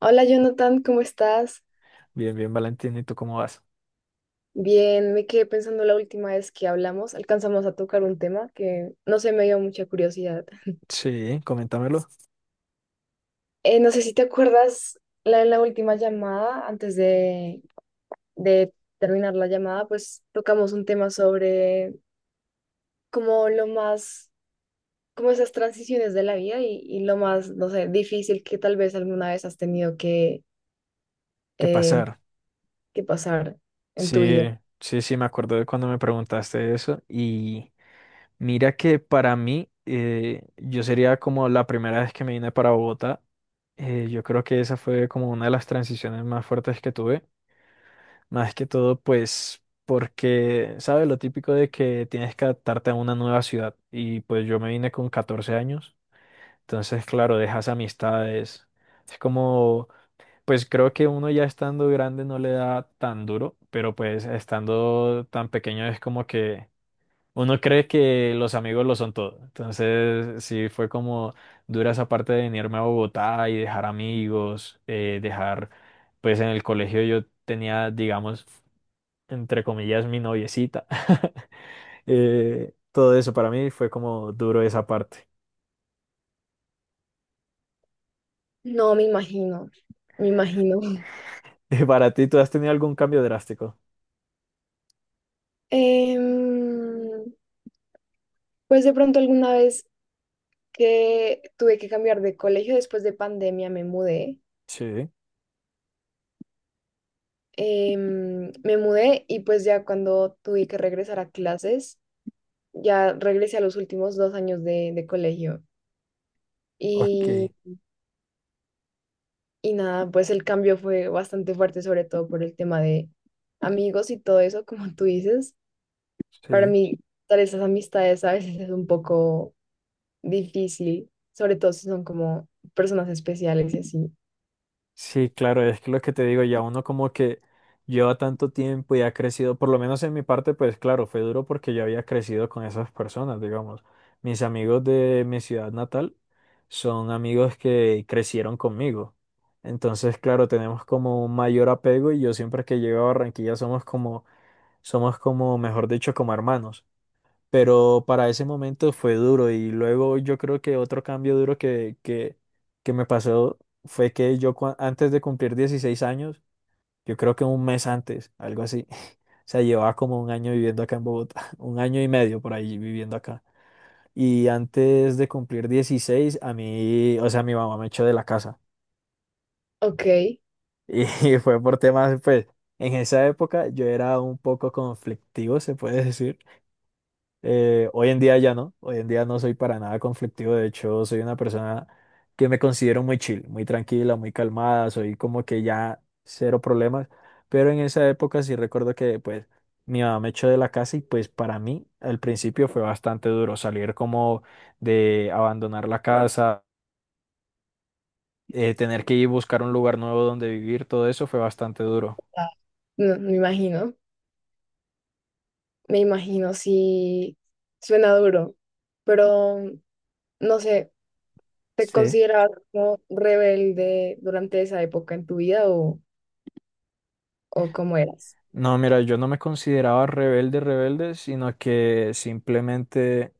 Hola Jonathan, ¿cómo estás? Bien, bien, Valentín, ¿y tú cómo vas? Bien, me quedé pensando la última vez que hablamos, alcanzamos a tocar un tema que no sé, me dio mucha curiosidad. Sí, coméntamelo. No sé si te acuerdas, en la última llamada, antes de terminar la llamada, pues tocamos un tema sobre como lo más, como esas transiciones de la vida y lo más, no sé, difícil que tal vez alguna vez has tenido ¿Qué eh, pasar? que pasar en tu Sí, vida. sí, sí, me acuerdo de cuando me preguntaste eso. Y mira que para mí, yo sería como la primera vez que me vine para Bogotá. Eh, yo creo que esa fue como una de las transiciones más fuertes que tuve. Más que todo, pues, porque, ¿sabes? Lo típico de que tienes que adaptarte a una nueva ciudad. Y pues yo me vine con 14 años. Entonces, claro, dejas amistades. Es como. Pues creo que uno ya estando grande no le da tan duro, pero pues estando tan pequeño es como que uno cree que los amigos lo son todo. Entonces sí fue como dura esa parte de venirme a Bogotá y dejar amigos, dejar, pues en el colegio yo tenía, digamos, entre comillas, mi noviecita. Todo eso para mí fue como duro esa parte. No, me imagino, me imagino. ¿Para ti tú has tenido algún cambio drástico? Em, pues de pronto alguna vez que tuve que cambiar de colegio, después de pandemia me mudé. Sí, Me mudé y pues ya cuando tuve que regresar a clases, ya regresé a los últimos dos años de colegio. ok, Y, y nada, pues el cambio fue bastante fuerte, sobre todo por el tema de amigos y todo eso, como tú dices. Para sí. mí, dar esas amistades a veces es un poco difícil, sobre todo si son como personas especiales y así. Sí, claro, es que lo que te digo, ya uno como que lleva tanto tiempo y ha crecido, por lo menos en mi parte, pues claro, fue duro porque yo había crecido con esas personas, digamos. Mis amigos de mi ciudad natal son amigos que crecieron conmigo. Entonces, claro, tenemos como un mayor apego y yo siempre que llego a Barranquilla somos como, mejor dicho, como hermanos. Pero para ese momento fue duro y luego yo creo que otro cambio duro que me pasó fue que yo antes de cumplir 16 años, yo creo que un mes antes, algo así, o sea, llevaba como un año viviendo acá en Bogotá, un año y medio por ahí viviendo acá. Y antes de cumplir 16 a mí, o sea, mi mamá me echó de la casa Ok, y fue por temas, pues, en esa época yo era un poco conflictivo, se puede decir. Hoy en día ya no, hoy en día no soy para nada conflictivo. De hecho, soy una persona que me considero muy chill, muy tranquila, muy calmada, soy como que ya cero problemas, pero en esa época sí recuerdo que pues mi mamá me echó de la casa y pues para mí al principio fue bastante duro salir como, de abandonar la casa, tener que ir a buscar un lugar nuevo donde vivir, todo eso fue bastante duro. ah, no, me imagino, me imagino, si suena duro, pero no sé, ¿te Sí. considerabas como rebelde durante esa época en tu vida, o cómo eras? No, mira, yo no me consideraba rebelde, rebelde, sino que simplemente...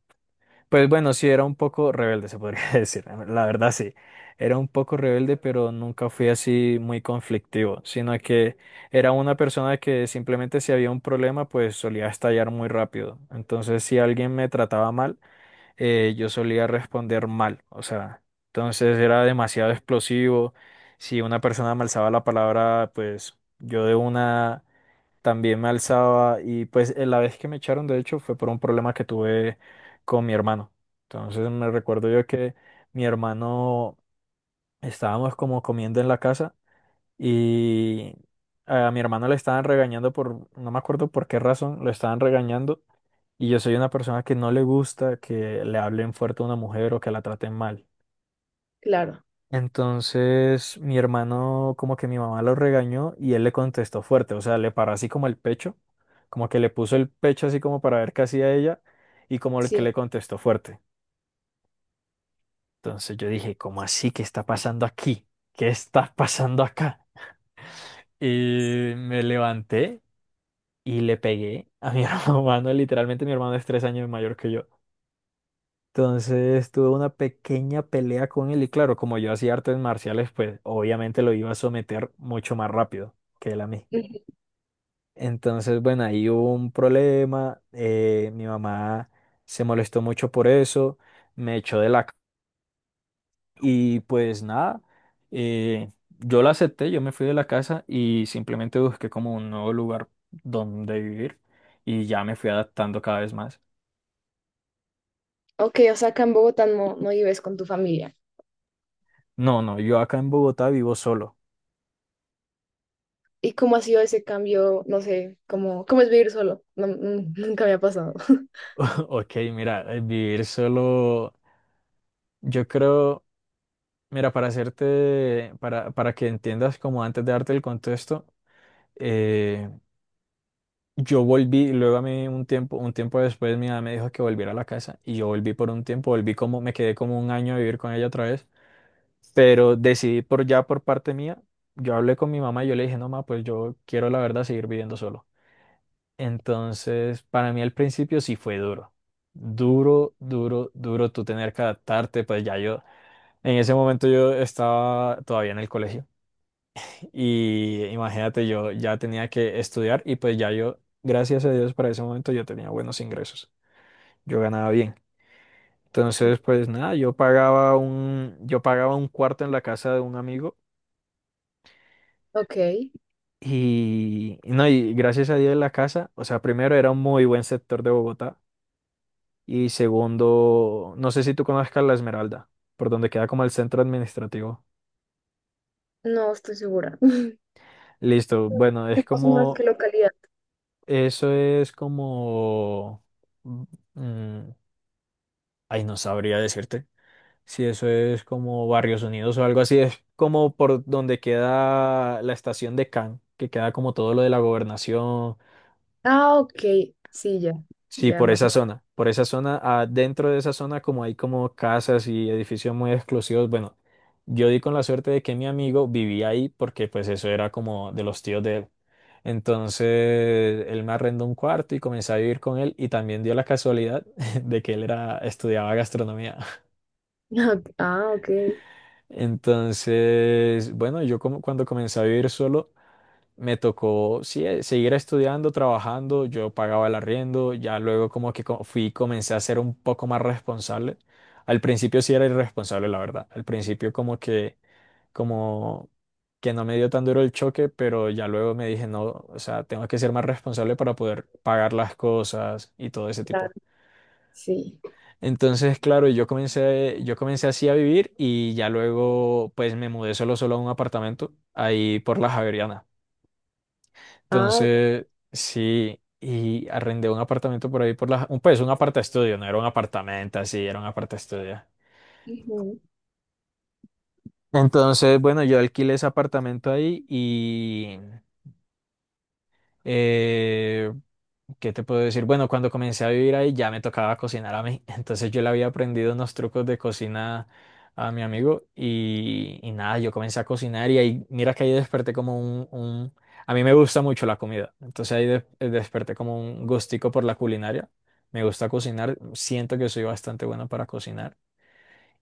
Pues bueno, sí, era un poco rebelde, se podría decir, ¿no? La verdad sí. Era un poco rebelde, pero nunca fui así muy conflictivo, sino que era una persona que simplemente si había un problema, pues solía estallar muy rápido. Entonces, si alguien me trataba mal, yo solía responder mal, o sea, entonces era demasiado explosivo. Si una persona me alzaba la palabra, pues yo de una también me alzaba. Y pues la vez que me echaron, de hecho, fue por un problema que tuve con mi hermano. Entonces me recuerdo yo que mi hermano, estábamos como comiendo en la casa y a mi hermano le estaban regañando por, no me acuerdo por qué razón, lo estaban regañando. Y yo soy una persona que no le gusta que le hablen fuerte a una mujer o que la traten mal. Claro, Entonces mi hermano, como que mi mamá lo regañó y él le contestó fuerte, o sea, le paró así como el pecho, como que le puso el pecho así como para ver qué hacía ella y como el que le sí. contestó fuerte. Entonces yo dije, ¿cómo así? ¿Qué está pasando aquí? ¿Qué está pasando acá? Y me levanté y le pegué a mi hermano, literalmente mi hermano es 3 años mayor que yo. Entonces tuve una pequeña pelea con él y claro, como yo hacía artes marciales, pues obviamente lo iba a someter mucho más rápido que él a mí. Ujú. Entonces, bueno, ahí hubo un problema, mi mamá se molestó mucho por eso, me echó de la... Y pues nada, eh, yo la acepté, yo me fui de la casa y simplemente busqué como un nuevo lugar donde vivir y ya me fui adaptando cada vez más. Ok, o sea, acá en Bogotá no, no vives con tu familia. No, no, yo acá en Bogotá vivo solo. ¿Y cómo ha sido ese cambio? No sé, ¿cómo, cómo es vivir solo? No, mm, nunca me ha pasado. Ok, mira, vivir solo, yo creo, mira, para hacerte, para que entiendas como antes de darte el contexto, eh, yo volví, luego a mí un tiempo después mi mamá me dijo que volviera a la casa y yo volví por un tiempo, volví como, me quedé como un año a vivir con ella otra vez, pero decidí por ya por parte mía, yo hablé con mi mamá y yo le dije, no, mamá, pues yo quiero la verdad seguir viviendo solo. Entonces, para mí al principio sí fue duro. Duro, duro, duro tú tener que adaptarte, pues ya yo. En ese momento yo estaba todavía en el colegio y imagínate, yo ya tenía que estudiar y pues ya yo, gracias a Dios, para ese momento yo tenía buenos ingresos, yo ganaba bien. Entonces, pues nada, yo pagaba un cuarto en la casa de un amigo Ok, y no, y gracias a Dios la casa, o sea, primero era un muy buen sector de Bogotá y segundo, no sé si tú conozcas La Esmeralda, por donde queda como el centro administrativo. no estoy segura. Listo, bueno, ¿Qué es más o menos qué como. localidad? Eso es como... mm, mm, ay, no sabría decirte. Si eso es como Barrios Unidos o algo así, es como por donde queda la estación de Can, que queda como todo lo de la gobernación. Ah, ok, sí, ya, Sí, ya más. Por esa zona, ah, dentro de esa zona como hay como casas y edificios muy exclusivos, bueno, yo di con la suerte de que mi amigo vivía ahí porque pues eso era como de los tíos de él. Entonces él me arrendó un cuarto y comencé a vivir con él y también dio la casualidad de que él era, estudiaba gastronomía. Ok. Ah, ok, Entonces, bueno, yo como cuando comencé a vivir solo me tocó sí, seguir estudiando, trabajando, yo pagaba el arriendo, ya luego como que fui, comencé a ser un poco más responsable. Al principio sí era irresponsable, la verdad. Al principio como que no me dio tan duro el choque, pero ya luego me dije, no, o sea, tengo que ser más responsable para poder pagar las cosas y todo ese claro, tipo. sí. Entonces, claro, yo comencé así a vivir y ya luego pues me mudé solo solo a un apartamento ahí por la Javeriana. Ah, ok, Entonces, sí, y arrendé un apartamento por ahí por la, un, pues un estudio, no era un apartamento así, era un estudio. ujú. Entonces, bueno, yo alquilé ese apartamento ahí y eh, ¿qué te puedo decir? Bueno, cuando comencé a vivir ahí ya me tocaba cocinar a mí, entonces yo le había aprendido unos trucos de cocina a mi amigo y nada, yo comencé a cocinar y ahí, mira que ahí desperté como a mí me gusta mucho la comida, entonces ahí desperté como un gustico por la culinaria, me gusta cocinar, siento que soy bastante bueno para cocinar.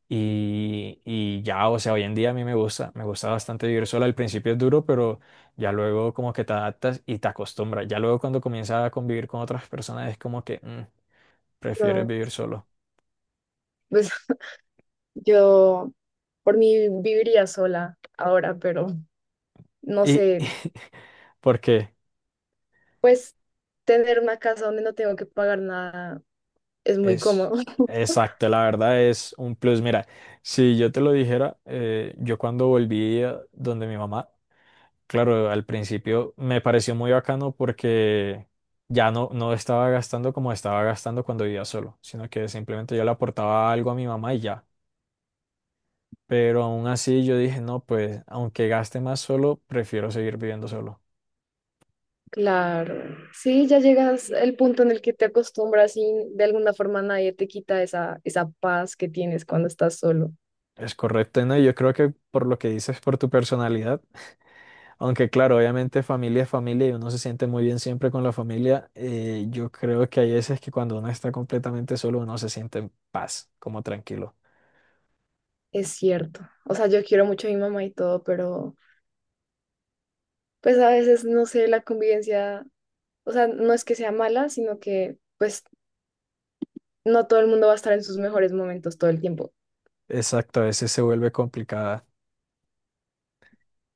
Y ya, o sea, hoy en día a mí me gusta bastante vivir sola. Al principio es duro, pero ya luego como que te adaptas y te acostumbras. Ya luego cuando comienzas a convivir con otras personas es como que prefieres No, vivir solo. pues, yo por mí viviría sola ahora, pero no Y sé, porque pues tener una casa donde no tengo que pagar nada es muy cómodo. es exacto, la verdad es un plus. Mira, si yo te lo dijera, yo cuando volví a donde mi mamá, claro, al principio me pareció muy bacano porque ya no, no estaba gastando como estaba gastando cuando vivía solo, sino que simplemente yo le aportaba algo a mi mamá y ya. Pero aún así yo dije, no, pues aunque gaste más solo, prefiero seguir viviendo solo. Claro, sí, ya llegas al punto en el que te acostumbras y de alguna forma nadie te quita esa, esa paz que tienes cuando estás solo. Es correcto, ¿no? Y yo creo que por lo que dices, por tu personalidad, aunque claro, obviamente familia es familia y uno se siente muy bien siempre con la familia, yo creo que hay veces que cuando uno está completamente solo, uno se siente en paz, como tranquilo. Es cierto. O sea, yo quiero mucho a mi mamá y todo, pero pues a veces, no sé, la convivencia. O sea, no es que sea mala, sino que pues no todo el mundo va a estar en sus mejores momentos todo el tiempo. Exacto, a veces se vuelve complicada.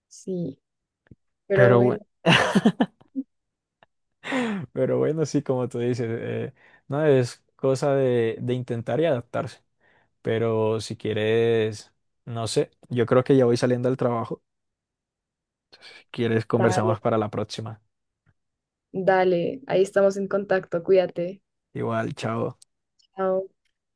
Sí, pero Pero bueno, bueno, pero bueno, sí, como tú dices, no es cosa de, intentar y adaptarse. Pero si quieres, no sé, yo creo que ya voy saliendo al trabajo. Si quieres, dale, conversamos para la próxima. dale, ahí estamos en contacto, cuídate. Igual, chao. Chao.